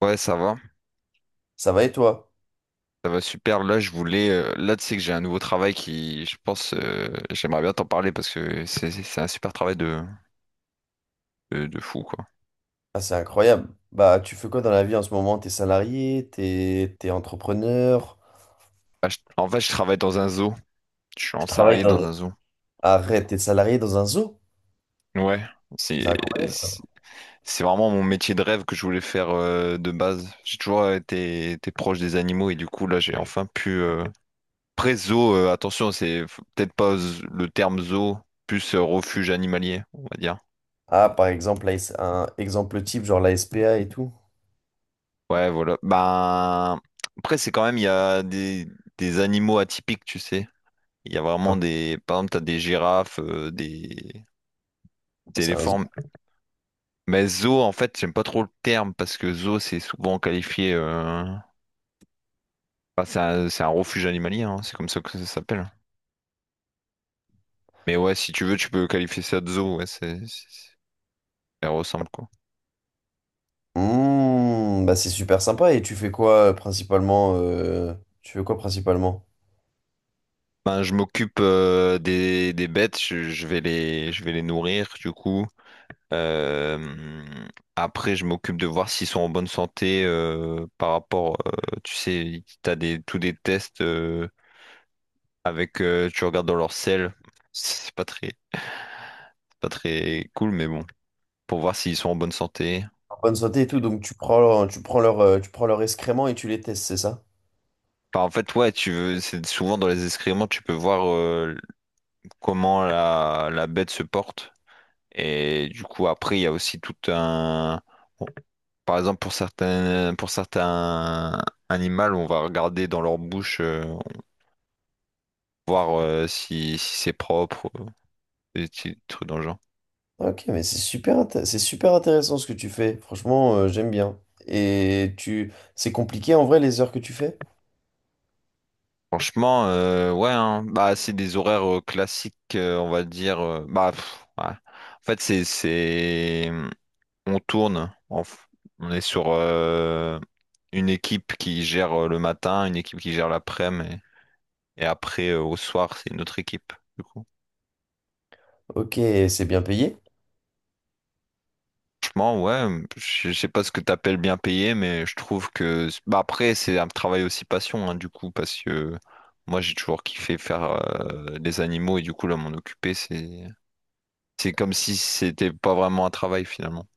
Ouais, Ça va et toi? ça va super. Là, je voulais, là, tu sais que j'ai un nouveau travail qui, je pense, j'aimerais bien t'en parler parce que c'est un super travail de, de fou, quoi. Ah, c'est incroyable. Bah, tu fais quoi dans la vie en ce moment? T'es salarié? T'es entrepreneur? En fait, je travaille dans un zoo. Je suis Tu en travailles salarié dans... dans un zoo. Arrête, t'es salarié dans un zoo? Ouais, c'est C'est incroyable ça. c'est c'est vraiment mon métier de rêve que je voulais faire de base. J'ai toujours été proche des animaux et du coup, là, j'ai enfin pu. Après, zoo, attention, peut-être pas le terme zoo, plus refuge animalier, on va dire. Ah, par exemple, un exemple type, genre la SPA et tout. Ouais, voilà. Ben, après, c'est quand même, il y a des animaux atypiques, tu sais. Il y a Ah, vraiment des. Par exemple, t'as des girafes, des c'est un zoo. éléphants. Mais zoo, en fait, j'aime pas trop le terme parce que zoo, c'est souvent qualifié. Enfin, c'est un refuge animalier, hein, c'est comme ça que ça s'appelle. Mais ouais, si tu veux, tu peux qualifier ça de zoo, ouais, c'est- ça ressemble, quoi. Mmh, bah, c'est super sympa. Et tu fais quoi principalement? Tu fais quoi principalement? Ben, je m'occupe des bêtes, je vais je vais les nourrir, du coup. Euh, après, je m'occupe de voir s'ils sont en bonne santé par rapport, tu sais, t'as des tous des tests avec, tu regardes dans leur selle, c'est pas très cool, mais bon, pour voir s'ils sont en bonne santé. En bonne santé et tout, donc tu prends tu prends leur excrément et tu les testes, c'est ça? Enfin, en fait, ouais, tu veux, c'est souvent dans les excréments, tu peux voir comment la bête se porte. Et du coup, après, il y a aussi tout un, Par exemple, pour certains animaux, on va regarder dans leur bouche, voir si, si c'est propre, des petits trucs dans le genre. Ok, mais c'est super, c'est super intéressant ce que tu fais. Franchement, j'aime bien. Et c'est compliqué en vrai les heures que tu fais? Franchement, ouais, hein. Bah, c'est des horaires classiques, on va dire. Bah, pff, ouais. En fait, c'est... On tourne, on est sur une équipe qui gère le matin, une équipe qui gère l'après-midi, et après, au soir, c'est une autre équipe. Du coup. Ok, c'est bien payé. Franchement, ouais, je sais pas ce que t'appelles bien payé, mais je trouve que bah après c'est un travail aussi passion hein, du coup parce que moi j'ai toujours kiffé faire des animaux et du coup là m'en occuper c'est comme si c'était pas vraiment un travail finalement.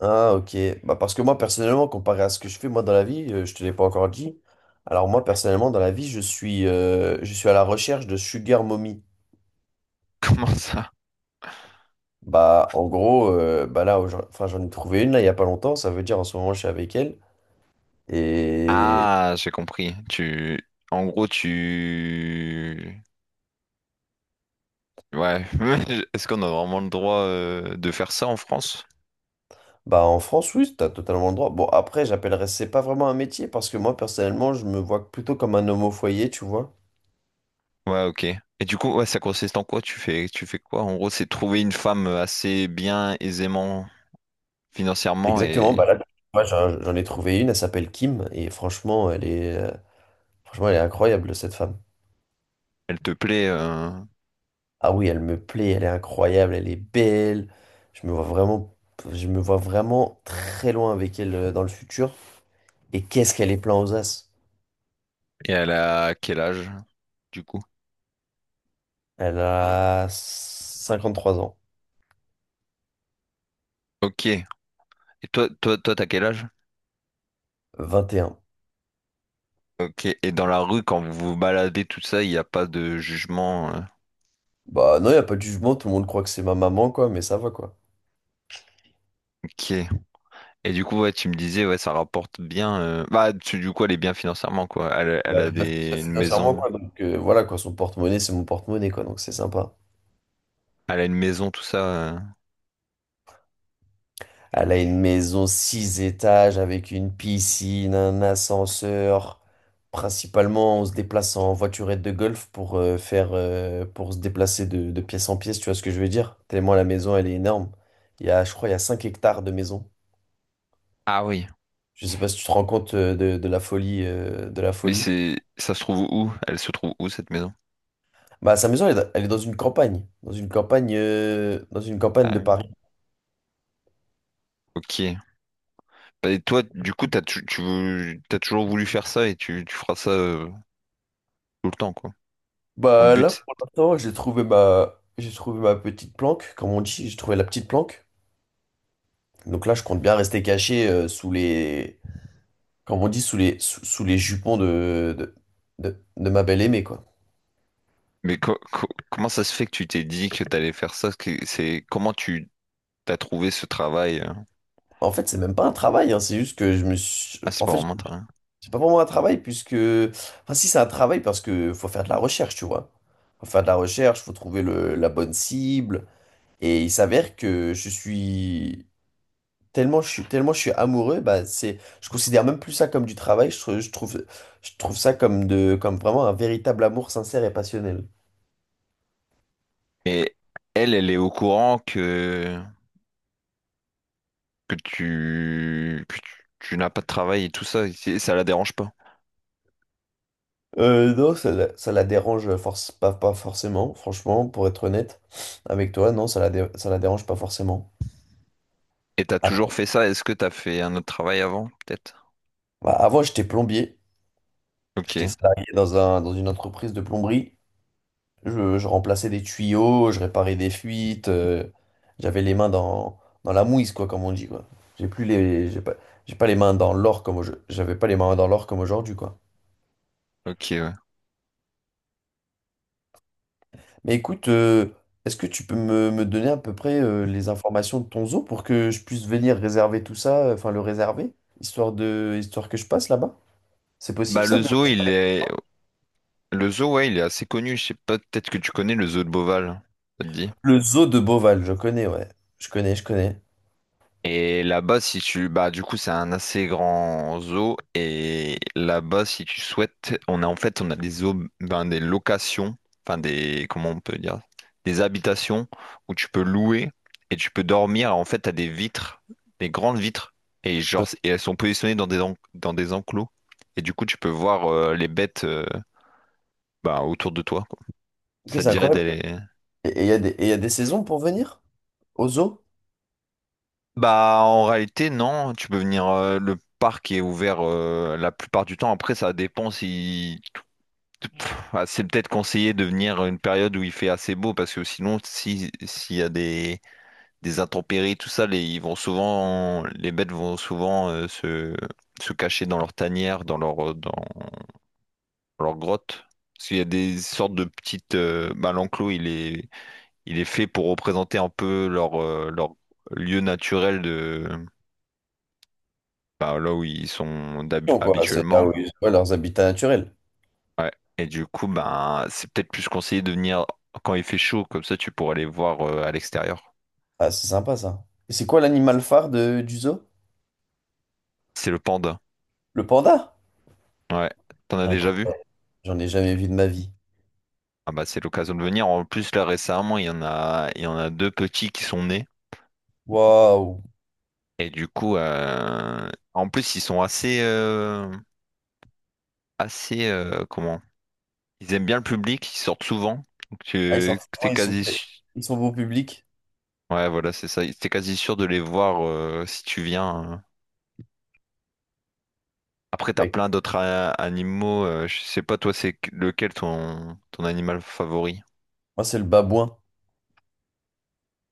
Ah, ok. Bah parce que moi personnellement, comparé à ce que je fais moi dans la vie, je te l'ai pas encore dit. Alors moi personnellement dans la vie, je suis à la recherche de sugar mommy. Comment ça? Bah en gros, là, enfin j'en ai trouvé une là il y a pas longtemps. Ça veut dire en ce moment je suis avec elle. et Ah, j'ai compris. Tu en gros tu ouais. Est-ce qu'on a vraiment le droit de faire ça en France? Bah en France, oui, t'as totalement le droit. Bon, après, j'appellerais, c'est pas vraiment un métier parce que moi, personnellement, je me vois plutôt comme un homme au foyer, tu vois. Ouais, ok. Et du coup, ouais, ça consiste en quoi? Tu fais quoi? En gros, c'est trouver une femme assez bien, aisément financièrement Exactement, et bah là, moi, j'en ai trouvé une, elle s'appelle Kim, et franchement, franchement, elle est incroyable, cette femme. elle te plaît Ah oui, elle me plaît, elle est incroyable, elle est belle. Je me vois vraiment, je me vois vraiment très loin avec elle dans le futur. Et qu'est-ce qu'elle est plein aux as? et elle a quel âge du coup? Elle a 53 ans, Ok. Et toi, t'as quel âge? 21. Ok. Et dans la rue, quand vous vous baladez, tout ça, il n'y a pas de jugement. Bah non, il a pas de jugement, tout le monde croit que c'est ma maman, quoi, mais ça va, quoi. Ok. Et du coup, ouais, tu me disais, ouais, ça rapporte bien. Bah, du coup, elle est bien financièrement, quoi. Elle, Bah, elle a elle va des réfléchir une financièrement, maison. quoi. Donc voilà, quoi, son porte-monnaie, c'est mon porte-monnaie, quoi. Donc c'est sympa. Elle a une maison, tout ça. Elle a une maison 6 étages avec une piscine, un ascenseur. Principalement, on se déplace en voiturette de golf pour faire pour se déplacer de pièce en pièce, tu vois ce que je veux dire? Tellement la maison, elle est énorme. Il y a 5 hectares de maison. Ah oui. Je sais pas si tu te rends compte de la folie euh, de la Mais folie. c'est, ça se trouve où? Elle se trouve où cette maison? Bah, sa maison, elle est dans une campagne, dans une campagne Ah de oui. Paris. Ok. Bah, et toi, du coup, t'as, tu, veux- t'as toujours voulu faire ça et tu feras ça tout le temps, quoi. Ton Bah là, but. pour l'instant, j'ai trouvé ma petite planque, comme on dit, j'ai trouvé la petite planque. Donc là, je compte bien rester caché comme on dit, sous les jupons de ma belle aimée, quoi. Mais comment ça se fait que tu t'es dit que t'allais faire ça? C'est comment tu t'as trouvé ce travail? En fait, c'est même pas un travail, hein, c'est juste que je me suis... Ah, c'est En pas fait, vraiment t'as rien. c'est pas vraiment un travail, puisque... Enfin, si, c'est un travail, parce que faut faire de la recherche, tu vois. Faut faire de la recherche, faut trouver la bonne cible. Et il s'avère que je suis... tellement je suis amoureux, je considère même plus ça comme du travail, je trouve ça comme vraiment un véritable amour sincère et passionnel. Et elle, elle est au courant que que tu n'as pas de travail et tout ça. Et ça la dérange pas. Non, ça la dérange force, pas, pas forcément, franchement, pour être honnête avec toi, non, ça la dérange pas forcément. Et t'as toujours Après, fait ça? Est-ce que t'as fait un autre travail avant, peut-être? bah, avant j'étais plombier, Ok, j'étais salarié dans une entreprise de plomberie. Je remplaçais des tuyaux, je réparais des fuites. J'avais les mains dans la mouise, quoi, comme on dit, quoi. J'ai plus les, j'ai pas les mains dans l'or j'avais pas les mains dans l'or comme aujourd'hui, quoi. ok, ouais. Mais écoute, est-ce que tu peux me donner à peu près les informations de ton zoo pour que je puisse venir réserver tout ça, enfin le réserver, histoire que je passe là-bas? C'est possible Bah ça le de- zoo, il est le zoo, ouais, il est assez connu. Je sais pas, peut-être que tu connais le zoo de Beauval. Ça te dit? Le zoo de Beauval, je connais, ouais. Je connais. Et là-bas, si tu... Bah, du coup, c'est un assez grand zoo. Et là-bas, si tu souhaites, on a en fait, on a des zoos, ben, des locations, enfin des... Comment on peut dire? Des habitations où tu peux louer et tu peux dormir. En fait, t'as des vitres, des grandes vitres. Et genre, et elles sont positionnées dans des, dans des enclos. Et du coup, tu peux voir les bêtes bah, autour de toi, quoi. Ok, Ça te c'est dirait incroyable. d'aller... Et il y a des, et y a des saisons pour venir au zoo? Bah, en réalité, non. Tu peux venir. Le parc est ouvert la plupart du temps. Après, ça dépend si. Pff, ah, c'est peut-être conseillé de venir une période où il fait assez beau parce que sinon, si, s'il y a des intempéries, tout ça, les, ils vont souvent, les bêtes vont souvent se, se cacher dans leur tanière, dans leur, dans, leur grotte. Parce qu'il y a des sortes de petites. Bah, l'enclos, il est fait pour représenter un peu leur lieu naturel bah, là où ils sont Quoi. C'est là habituellement. où ils ont leurs habitats naturels. Ouais. Et du coup, ben c'est peut-être plus conseillé de venir quand il fait chaud, comme ça tu pourras les voir à l'extérieur. Ah, c'est sympa ça. Et c'est quoi l'animal phare du zoo? C'est le panda. Le panda? Ouais. T'en as déjà vu? Incroyable. J'en ai jamais vu de ma vie. Ah bah c'est l'occasion de venir. En plus, là récemment, il y en a deux petits qui sont nés. Waouh. Et du coup, en plus, assez, comment? Ils aiment bien le public, ils sortent souvent. Donc Ah, ils sont vraiment- t'es ils sont quasi, très- ils sont beau public. ouais, voilà, c'est ça. T'es quasi sûr de les voir si tu viens, hein. Après, t'as Bah, plein animaux. Je sais pas, toi, c'est lequel ton animal favori? moi, c'est le babouin.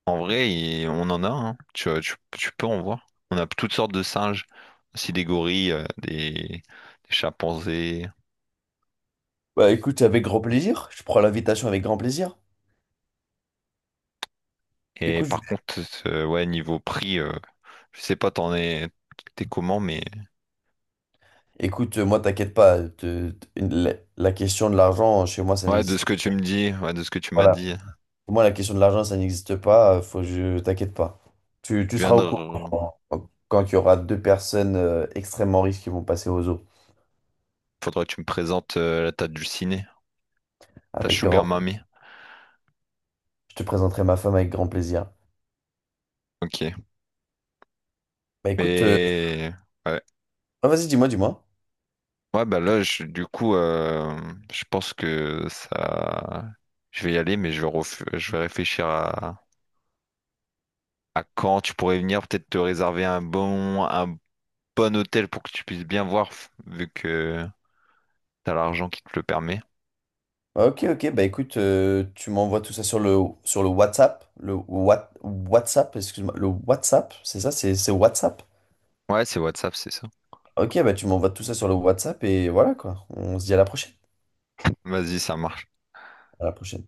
En vrai, on en a, hein. Tu peux en voir. On a toutes sortes de singes, aussi des gorilles, des chimpanzés. Bah, écoute, avec grand plaisir. Je prends l'invitation avec grand plaisir. Et Écoute, je- par contre, ouais, niveau prix, je sais pas, t'es comment, mais écoute, moi, t'inquiète pas. La question de l'argent, chez moi, ça ouais, de ce n'existe que tu pas. me dis, ouais, de ce que tu m'as Voilà. dit, Pour moi, la question de l'argent, ça n'existe pas. Faut, je t'inquiète pas. Tu tu viens seras de, au courant re- quand il y aura deux personnes extrêmement riches qui vont passer aux eaux. faudrait que tu me présentes la tête du ciné, ta Avec Sugar grand... Mummy. Je te présenterai ma femme avec grand plaisir. Ok, Bah écoute, mais ouais. ah, vas-y, dis-moi. Ouais, bah là, du coup, je pense que ça. Je vais y aller, mais je vais réfléchir à quand tu pourrais venir, peut-être te réserver un un bon hôtel pour que tu puisses bien voir, vu que t'as l'argent qui te le permet. Ah, ok, ok, bah écoute, tu m'envoies tout ça sur sur le WhatsApp. WhatsApp, excuse-moi. Le WhatsApp, c'est ça, c'est WhatsApp. Ouais, c'est WhatsApp, c'est ça. Ok, bah tu m'envoies tout ça sur le WhatsApp et voilà quoi. On se dit à la prochaine. Vas-y, ça marche. À la prochaine.